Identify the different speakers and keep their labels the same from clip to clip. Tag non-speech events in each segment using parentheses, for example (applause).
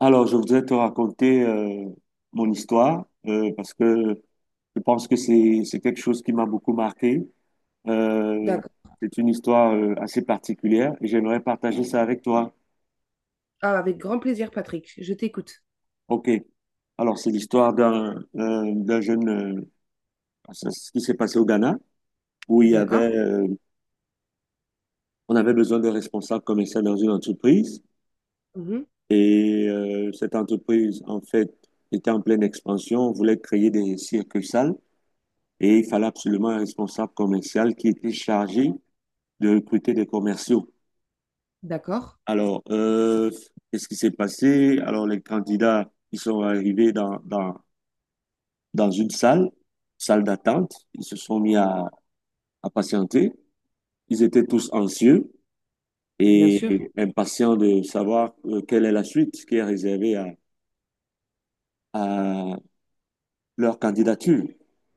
Speaker 1: Alors, je voudrais te raconter mon histoire parce que je pense que c'est quelque chose qui m'a beaucoup marqué. Euh,
Speaker 2: D'accord.
Speaker 1: c'est une histoire assez particulière et j'aimerais partager ça avec toi.
Speaker 2: Ah, avec grand plaisir, Patrick. Je t'écoute.
Speaker 1: Ok. Alors, c'est l'histoire d'un jeune, ça, c'est ce qui s'est passé au Ghana où il y avait
Speaker 2: D'accord.
Speaker 1: on avait besoin de responsables commerciaux dans une entreprise
Speaker 2: Mhm.
Speaker 1: et cette entreprise en fait était en pleine expansion, voulait créer des circuits salles. Et il fallait absolument un responsable commercial qui était chargé de recruter des commerciaux.
Speaker 2: D'accord.
Speaker 1: Alors, qu'est-ce qui s'est passé? Alors, les candidats, ils sont arrivés dans une salle, salle d'attente. Ils se sont à patienter. Ils étaient tous anxieux
Speaker 2: Bien sûr.
Speaker 1: et impatients de savoir quelle est la suite qui est réservée à leur candidature.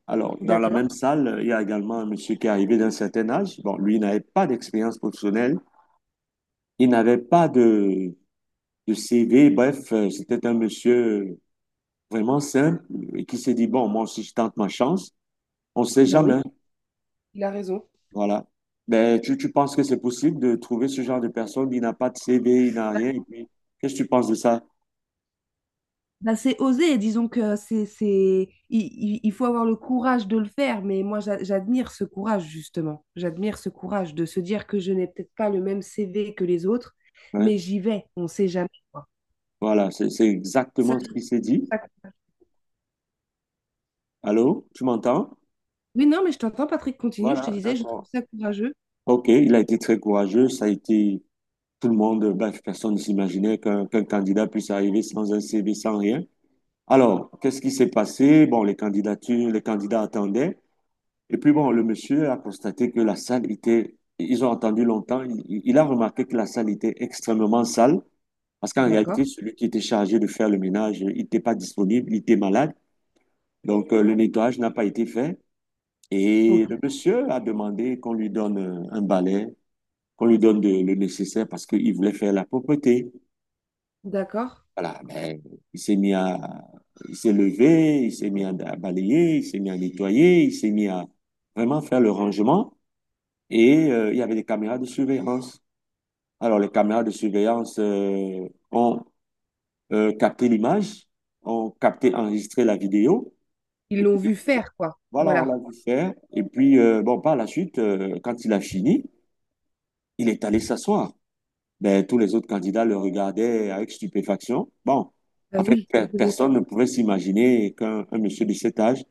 Speaker 1: Alors, dans la même
Speaker 2: D'accord.
Speaker 1: salle, il y a également un monsieur qui est arrivé d'un certain âge. Bon, lui n'avait pas d'expérience professionnelle, il n'avait pas de, de CV. Bref, c'était un monsieur vraiment simple et qui s'est dit, bon, moi aussi, je tente ma chance. On ne sait
Speaker 2: Bah oui.
Speaker 1: jamais.
Speaker 2: Il a raison.
Speaker 1: Voilà. Ben, tu penses que c'est possible de trouver ce genre de personne qui n'a pas de CV, il n'a rien. Et puis, qu'est-ce que tu penses de ça?
Speaker 2: Bah, c'est oser, disons que c'est, c'est il faut avoir le courage de le faire, mais moi j'admire ce courage, justement. J'admire ce courage de se dire que je n'ai peut-être pas le même CV que les autres,
Speaker 1: Ouais.
Speaker 2: mais j'y vais, on ne sait jamais. Quoi.
Speaker 1: Voilà, c'est
Speaker 2: Ça,
Speaker 1: exactement ce
Speaker 2: je trouve
Speaker 1: qu'il s'est dit.
Speaker 2: ça-
Speaker 1: Allô, tu m'entends?
Speaker 2: Oui, non, mais je t'entends, Patrick, continue, je te
Speaker 1: Voilà,
Speaker 2: disais, je trouve
Speaker 1: d'accord.
Speaker 2: ça courageux.
Speaker 1: OK, il a été très courageux. Ça a été tout le monde, bref, personne ne s'imaginait qu'un candidat puisse arriver sans un CV, sans rien. Alors, qu'est-ce qui s'est passé? Bon, les candidatures, les candidats attendaient. Et puis, bon, le monsieur a constaté que la salle était, ils ont attendu longtemps. Il il- a remarqué que la salle était extrêmement sale parce qu'en réalité,
Speaker 2: D'accord,
Speaker 1: celui qui était chargé de faire le ménage, il n'était pas disponible, il était malade. Donc, le nettoyage n'a pas été fait. Et le
Speaker 2: ok,
Speaker 1: monsieur a demandé qu'on lui donne un balai, qu'on lui le nécessaire parce qu'il voulait faire la propreté.
Speaker 2: d'accord.
Speaker 1: Voilà, ben, il s'est mis à, il s'est levé, il s'est à balayer, il s'est mis à nettoyer, il s'est mis à vraiment faire le rangement et il y avait des caméras de surveillance. Alors, les caméras de surveillance ont capté l'image, ont capté, enregistré la vidéo.
Speaker 2: Ils
Speaker 1: Et
Speaker 2: l'ont
Speaker 1: puis,
Speaker 2: vu faire, quoi.
Speaker 1: voilà, on
Speaker 2: Voilà.
Speaker 1: l'a vu faire. Et puis, bon, par la suite, quand il a fini, il est allé s'asseoir. Ben, tous les autres candidats le regardaient avec stupéfaction. Bon,
Speaker 2: Bah
Speaker 1: en fait,
Speaker 2: oui.
Speaker 1: personne ne pouvait s'imaginer qu'un un monsieur de cet âge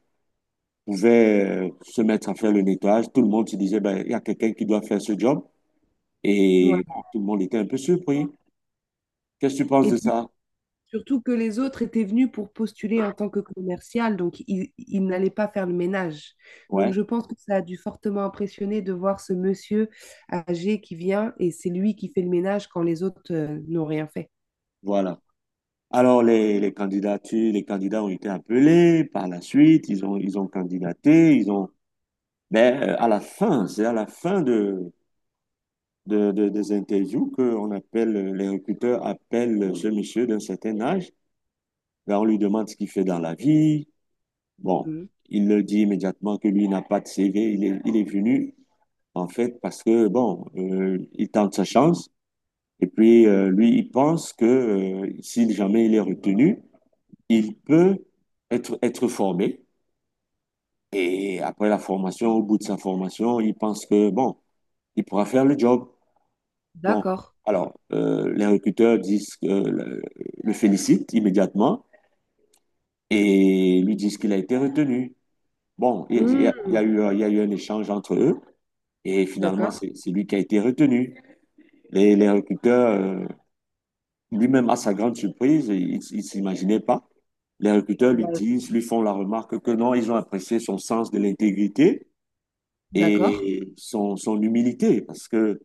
Speaker 1: pouvait se mettre à faire le nettoyage. Tout le monde se disait, ben, il y a quelqu'un qui doit faire ce job.
Speaker 2: Ouais.
Speaker 1: Et bon, tout le monde était un peu surpris. Qu'est-ce que tu penses
Speaker 2: Et
Speaker 1: de
Speaker 2: puis
Speaker 1: ça?
Speaker 2: surtout que les autres étaient venus pour postuler en tant que commercial, donc ils n'allaient pas faire le ménage. Donc
Speaker 1: Ouais,
Speaker 2: je pense que ça a dû fortement impressionner de voir ce monsieur âgé qui vient et c'est lui qui fait le ménage quand les autres n'ont rien fait.
Speaker 1: voilà. Alors, les candidatures, les candidats ont été appelés par la suite, ils ont candidaté, ils ont... Mais à la fin, c'est à la fin des interviews qu'on appelle, les recruteurs appellent ce monsieur d'un certain âge. Ben, on lui demande ce qu'il fait dans la vie. Bon,
Speaker 2: Mhm.
Speaker 1: il le dit immédiatement que lui n'a pas de CV. Il est venu, en fait, parce que, bon, il tente sa chance. Et puis, lui, il pense que si jamais il est retenu, il peut être formé. Et après la formation, au bout de sa formation, il pense que, bon, il pourra faire le job. Bon,
Speaker 2: D'accord.
Speaker 1: alors, les recruteurs disent que, le félicitent immédiatement et lui disent qu'il a été retenu. Bon, il y a eu,
Speaker 2: Mhm.
Speaker 1: il y a eu un échange entre eux et finalement,
Speaker 2: D'accord.
Speaker 1: c'est lui qui a été retenu. Les recruteurs, euh, lui-même, à sa grande surprise, il ne s'imaginait pas. Les recruteurs lui
Speaker 2: Bah,
Speaker 1: disent, lui font la remarque que non, ils ont apprécié son sens de l'intégrité
Speaker 2: d'accord.
Speaker 1: et son humilité parce que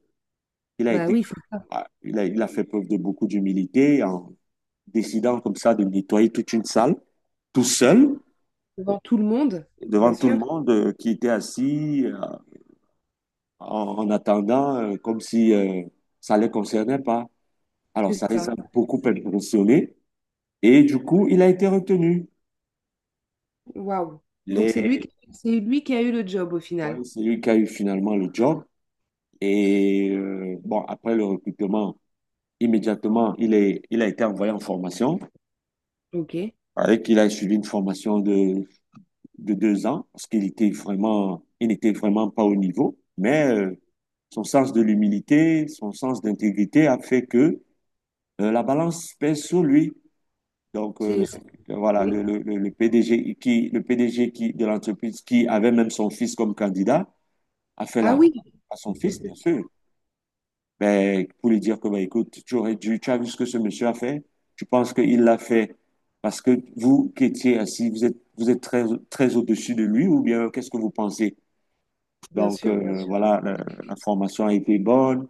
Speaker 1: il a
Speaker 2: Bah
Speaker 1: été,
Speaker 2: oui, c'est ça.
Speaker 1: ah, il a fait preuve de beaucoup d'humilité en décidant comme ça de nettoyer toute une salle, tout seul,
Speaker 2: Devant tout le monde, bien
Speaker 1: devant tout le
Speaker 2: sûr,
Speaker 1: monde, qui était assis, en, en attendant, comme si ça ne les concernait pas. Alors,
Speaker 2: c'est
Speaker 1: ça les a
Speaker 2: ça.
Speaker 1: beaucoup impressionnés et du coup, il a été retenu.
Speaker 2: Waouh.
Speaker 1: Les...
Speaker 2: C'est lui qui a eu le job au
Speaker 1: ouais,
Speaker 2: final.
Speaker 1: c'est lui qui a eu finalement le job. Et bon, après le recrutement, immédiatement, il a été envoyé en formation.
Speaker 2: Ok.
Speaker 1: Avec, il a suivi une formation de 2 ans, parce qu'il était vraiment, il n'était vraiment pas au niveau, mais son sens de l'humilité, son sens d'intégrité a fait que la balance pèse sur lui. Donc,
Speaker 2: C'est, c'est-
Speaker 1: voilà,
Speaker 2: oui.
Speaker 1: le PDG qui, le PDG qui, de l'entreprise qui avait même son fils comme candidat a fait
Speaker 2: Ah
Speaker 1: la,
Speaker 2: oui,
Speaker 1: à son fils, bien
Speaker 2: (laughs)
Speaker 1: sûr, ben, pour lui dire que, ben, écoute, tu aurais dû, tu as vu ce que ce monsieur a fait, tu penses qu'il l'a fait parce que vous qui étiez assis, vous êtes très, très au-dessus de lui ou bien qu'est-ce que vous pensez?
Speaker 2: bien
Speaker 1: Donc
Speaker 2: sûr, bien sûr.
Speaker 1: voilà, la formation a été bonne.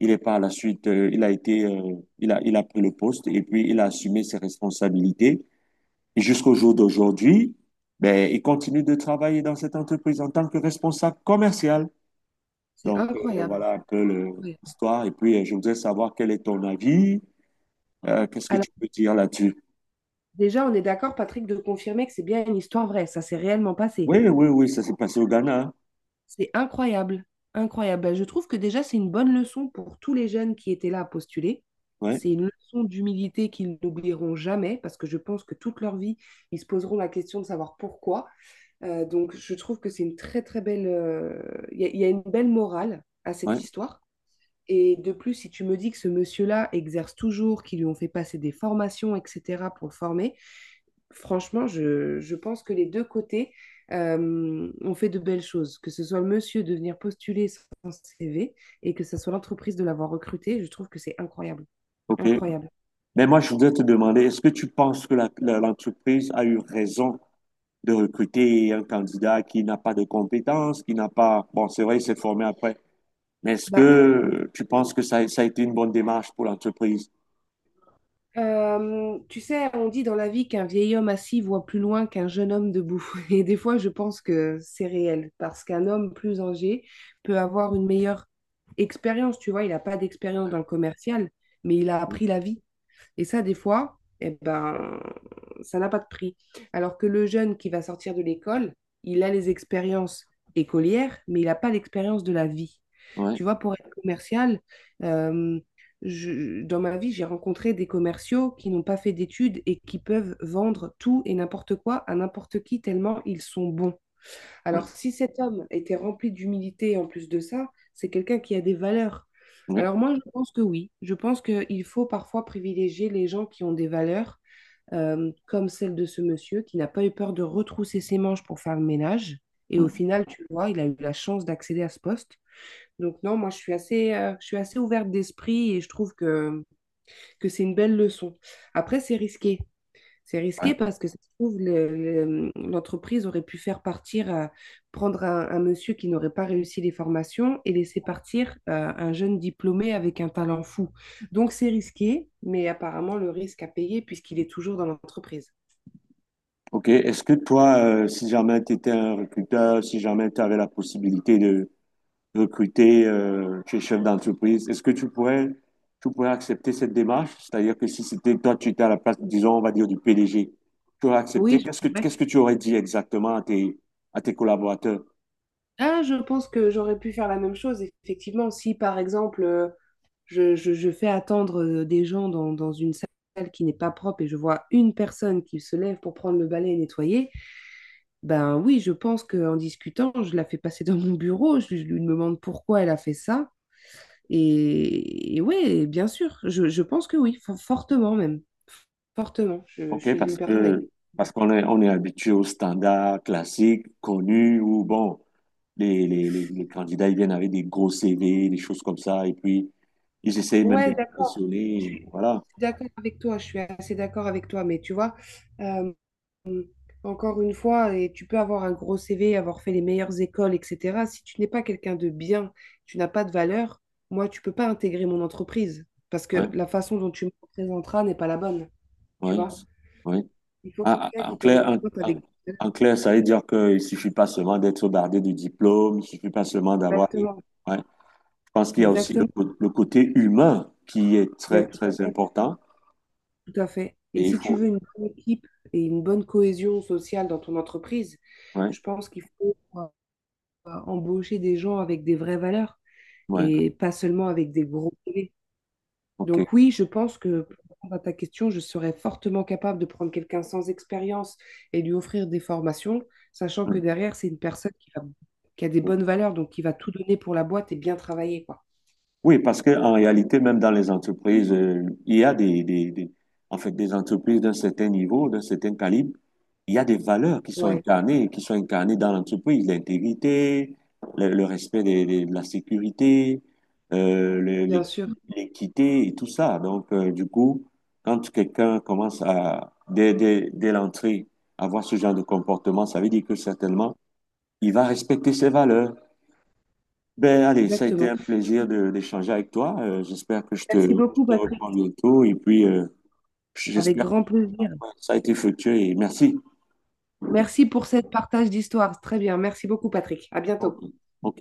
Speaker 1: Il est par la suite, il a été, il a pris le poste et puis il a assumé ses responsabilités. Et jusqu'au jour d'aujourd'hui, ben, il continue de travailler dans cette entreprise en tant que responsable commercial.
Speaker 2: C'est
Speaker 1: Donc
Speaker 2: incroyable.
Speaker 1: voilà un peu
Speaker 2: Incroyable.
Speaker 1: l'histoire. Et puis je voudrais savoir quel est ton avis. Qu'est-ce que
Speaker 2: Alors,
Speaker 1: tu peux dire là-dessus?
Speaker 2: déjà, on est d'accord, Patrick, de confirmer que c'est bien une histoire vraie. Ça s'est réellement passé.
Speaker 1: Oui, oui, oui, ça s'est passé au Ghana, hein.
Speaker 2: C'est incroyable. Incroyable. Ben, je trouve que déjà, c'est une bonne leçon pour tous les jeunes qui étaient là à postuler.
Speaker 1: Ouais,
Speaker 2: C'est une leçon d'humilité qu'ils n'oublieront jamais parce que je pense que toute leur vie, ils se poseront la question de savoir pourquoi. Donc, je trouve que c'est une très, très belle. Il y a une belle morale à cette
Speaker 1: ouais,
Speaker 2: histoire. Et de plus, si tu me dis que ce monsieur-là exerce toujours, qu'ils lui ont fait passer des formations, etc., pour le former, franchement, je pense que les deux côtés ont fait de belles choses. Que ce soit le monsieur de venir postuler son CV et que ce soit l'entreprise de l'avoir recruté, je trouve que c'est incroyable.
Speaker 1: ok.
Speaker 2: Incroyable.
Speaker 1: Mais moi, je voudrais te demander, est-ce que tu penses que l'entreprise a eu raison? De recruter un candidat qui n'a pas de compétences, qui n'a pas... Bon, c'est vrai, il s'est formé après. Mais est-ce
Speaker 2: Bah,
Speaker 1: que tu penses que ça a été une bonne démarche pour l'entreprise?
Speaker 2: euh, tu sais, on dit dans la vie qu'un vieil homme assis voit plus loin qu'un jeune homme debout. (laughs) Et des fois, je pense que c'est réel parce qu'un homme plus âgé peut avoir une meilleure expérience. Tu vois, il n'a pas d'expérience dans le commercial, mais il a appris la vie. Et ça, des fois, eh ben, ça n'a pas de prix. Alors que le jeune qui va sortir de l'école, il a les expériences écolières, mais il n'a pas l'expérience de la vie.
Speaker 1: Ouais,
Speaker 2: Tu vois, pour être commercial, euh, dans ma vie, j'ai rencontré des commerciaux qui n'ont pas fait d'études et qui peuvent vendre tout et n'importe quoi à n'importe qui tellement ils sont bons.
Speaker 1: ouais,
Speaker 2: Alors, si cet homme était rempli d'humilité en plus de ça, c'est quelqu'un qui a des valeurs. Alors
Speaker 1: ouais.
Speaker 2: moi, je pense que oui. Je pense qu'il faut parfois privilégier les gens qui ont des valeurs, comme celle de ce monsieur qui n'a pas eu peur de retrousser ses manches pour faire le ménage. Et au
Speaker 1: Mm,
Speaker 2: final, tu vois, il a eu la chance d'accéder à ce poste. Donc non, moi, je suis assez ouverte d'esprit et je trouve que c'est une belle leçon. Après, c'est risqué. C'est
Speaker 1: ouais.
Speaker 2: risqué parce que ça se trouve, l'entreprise aurait pu faire partir, prendre un monsieur qui n'aurait pas réussi les formations et laisser partir un jeune diplômé avec un talent fou. Donc c'est risqué, mais apparemment le risque à payer puisqu'il est toujours dans l'entreprise.
Speaker 1: Ok. Est-ce que toi, si jamais tu étais un recruteur, si jamais tu avais la possibilité de recruter, tu es chef d'entreprise, est-ce que tu pourrais accepter cette démarche? C'est-à-dire que si c'était toi, tu étais à la place, disons, on va dire, du PDG, tu aurais
Speaker 2: Oui,
Speaker 1: accepté.
Speaker 2: je-
Speaker 1: Qu'est-ce que tu aurais dit exactement à à tes collaborateurs?
Speaker 2: Ah, je pense que j'aurais pu faire la même chose, effectivement, si par exemple je fais attendre des gens dans, dans une salle qui n'est pas propre et je vois une personne qui se lève pour prendre le balai et nettoyer, ben oui, je pense qu'en discutant, je la fais passer (laughs) dans mon bureau, je lui demande pourquoi elle a fait ça. Et ouais, bien sûr, je pense que oui, fortement même, fortement. Je
Speaker 1: OK,
Speaker 2: suis une
Speaker 1: parce
Speaker 2: personne avec...
Speaker 1: que parce qu'on est on est habitué aux standards classiques connus où bon les candidats ils viennent avec des gros CV, des choses comme ça et puis ils essayent même
Speaker 2: Ouais, d'accord, je
Speaker 1: d'impressionner,
Speaker 2: suis
Speaker 1: voilà.
Speaker 2: d'accord avec toi, je suis assez d'accord avec toi, mais tu vois... euh, Encore une fois, et tu peux avoir un gros CV, avoir fait les meilleures écoles, etc. Si tu n'es pas quelqu'un de bien, tu n'as pas de valeur, moi, tu peux pas intégrer mon entreprise parce
Speaker 1: Ouais,
Speaker 2: que la façon dont tu me présenteras n'est pas la bonne, tu
Speaker 1: ouais,
Speaker 2: vois.
Speaker 1: ouais.
Speaker 2: Il faut
Speaker 1: Ah,
Speaker 2: quelqu'un
Speaker 1: ah, en
Speaker 2: qui te
Speaker 1: clair,
Speaker 2: représente
Speaker 1: en-
Speaker 2: avec...
Speaker 1: en clair, ça veut dire qu'il ne suffit pas seulement d'être bardé de diplôme, il ne suffit pas seulement d'avoir des-
Speaker 2: Exactement,
Speaker 1: ouais. Je pense qu'il y a aussi le,
Speaker 2: exactement.
Speaker 1: le côté humain qui est
Speaker 2: Ouais,
Speaker 1: très
Speaker 2: tout à
Speaker 1: très
Speaker 2: fait,
Speaker 1: important
Speaker 2: tout à fait.
Speaker 1: et
Speaker 2: Et
Speaker 1: il
Speaker 2: si tu
Speaker 1: faut
Speaker 2: veux une bonne équipe et une bonne cohésion sociale dans ton entreprise,
Speaker 1: ouais,
Speaker 2: je pense qu'il faut embaucher des gens avec des vraies valeurs
Speaker 1: ouais,
Speaker 2: et pas seulement avec des gros CV.
Speaker 1: OK.
Speaker 2: Donc oui, je pense que pour répondre à ta question, je serais fortement capable de prendre quelqu'un sans expérience et lui offrir des formations, sachant que
Speaker 1: Hmm.
Speaker 2: derrière, c'est une personne qui a des bonnes valeurs, donc qui va tout donner pour la boîte et bien travailler, quoi.
Speaker 1: Oui, parce que en réalité, même dans les entreprises, il y a des- en fait, des entreprises d'un certain niveau, d'un certain calibre. Il y a des valeurs
Speaker 2: Ouais,
Speaker 1: qui sont incarnées dans l'entreprise, l'intégrité, le respect de la sécurité, euh, le-
Speaker 2: bien
Speaker 1: l'équ-
Speaker 2: sûr,
Speaker 1: l'équité et tout ça. Donc, du coup, quand quelqu'un commence à, dès l'entrée, avoir ce genre de comportement, ça veut dire que certainement, il va respecter ses valeurs. Ben, allez, ça a été
Speaker 2: exactement.
Speaker 1: un
Speaker 2: Je-
Speaker 1: plaisir d'échanger avec toi. J'espère que
Speaker 2: Merci
Speaker 1: je
Speaker 2: beaucoup,
Speaker 1: te
Speaker 2: Patrick.
Speaker 1: reprends bientôt et puis
Speaker 2: Avec
Speaker 1: j'espère que
Speaker 2: grand plaisir.
Speaker 1: ça a été fructueux et merci.
Speaker 2: Merci pour cette partage d'histoire. Très bien. Merci beaucoup, Patrick. À
Speaker 1: Ok,
Speaker 2: bientôt.
Speaker 1: ok.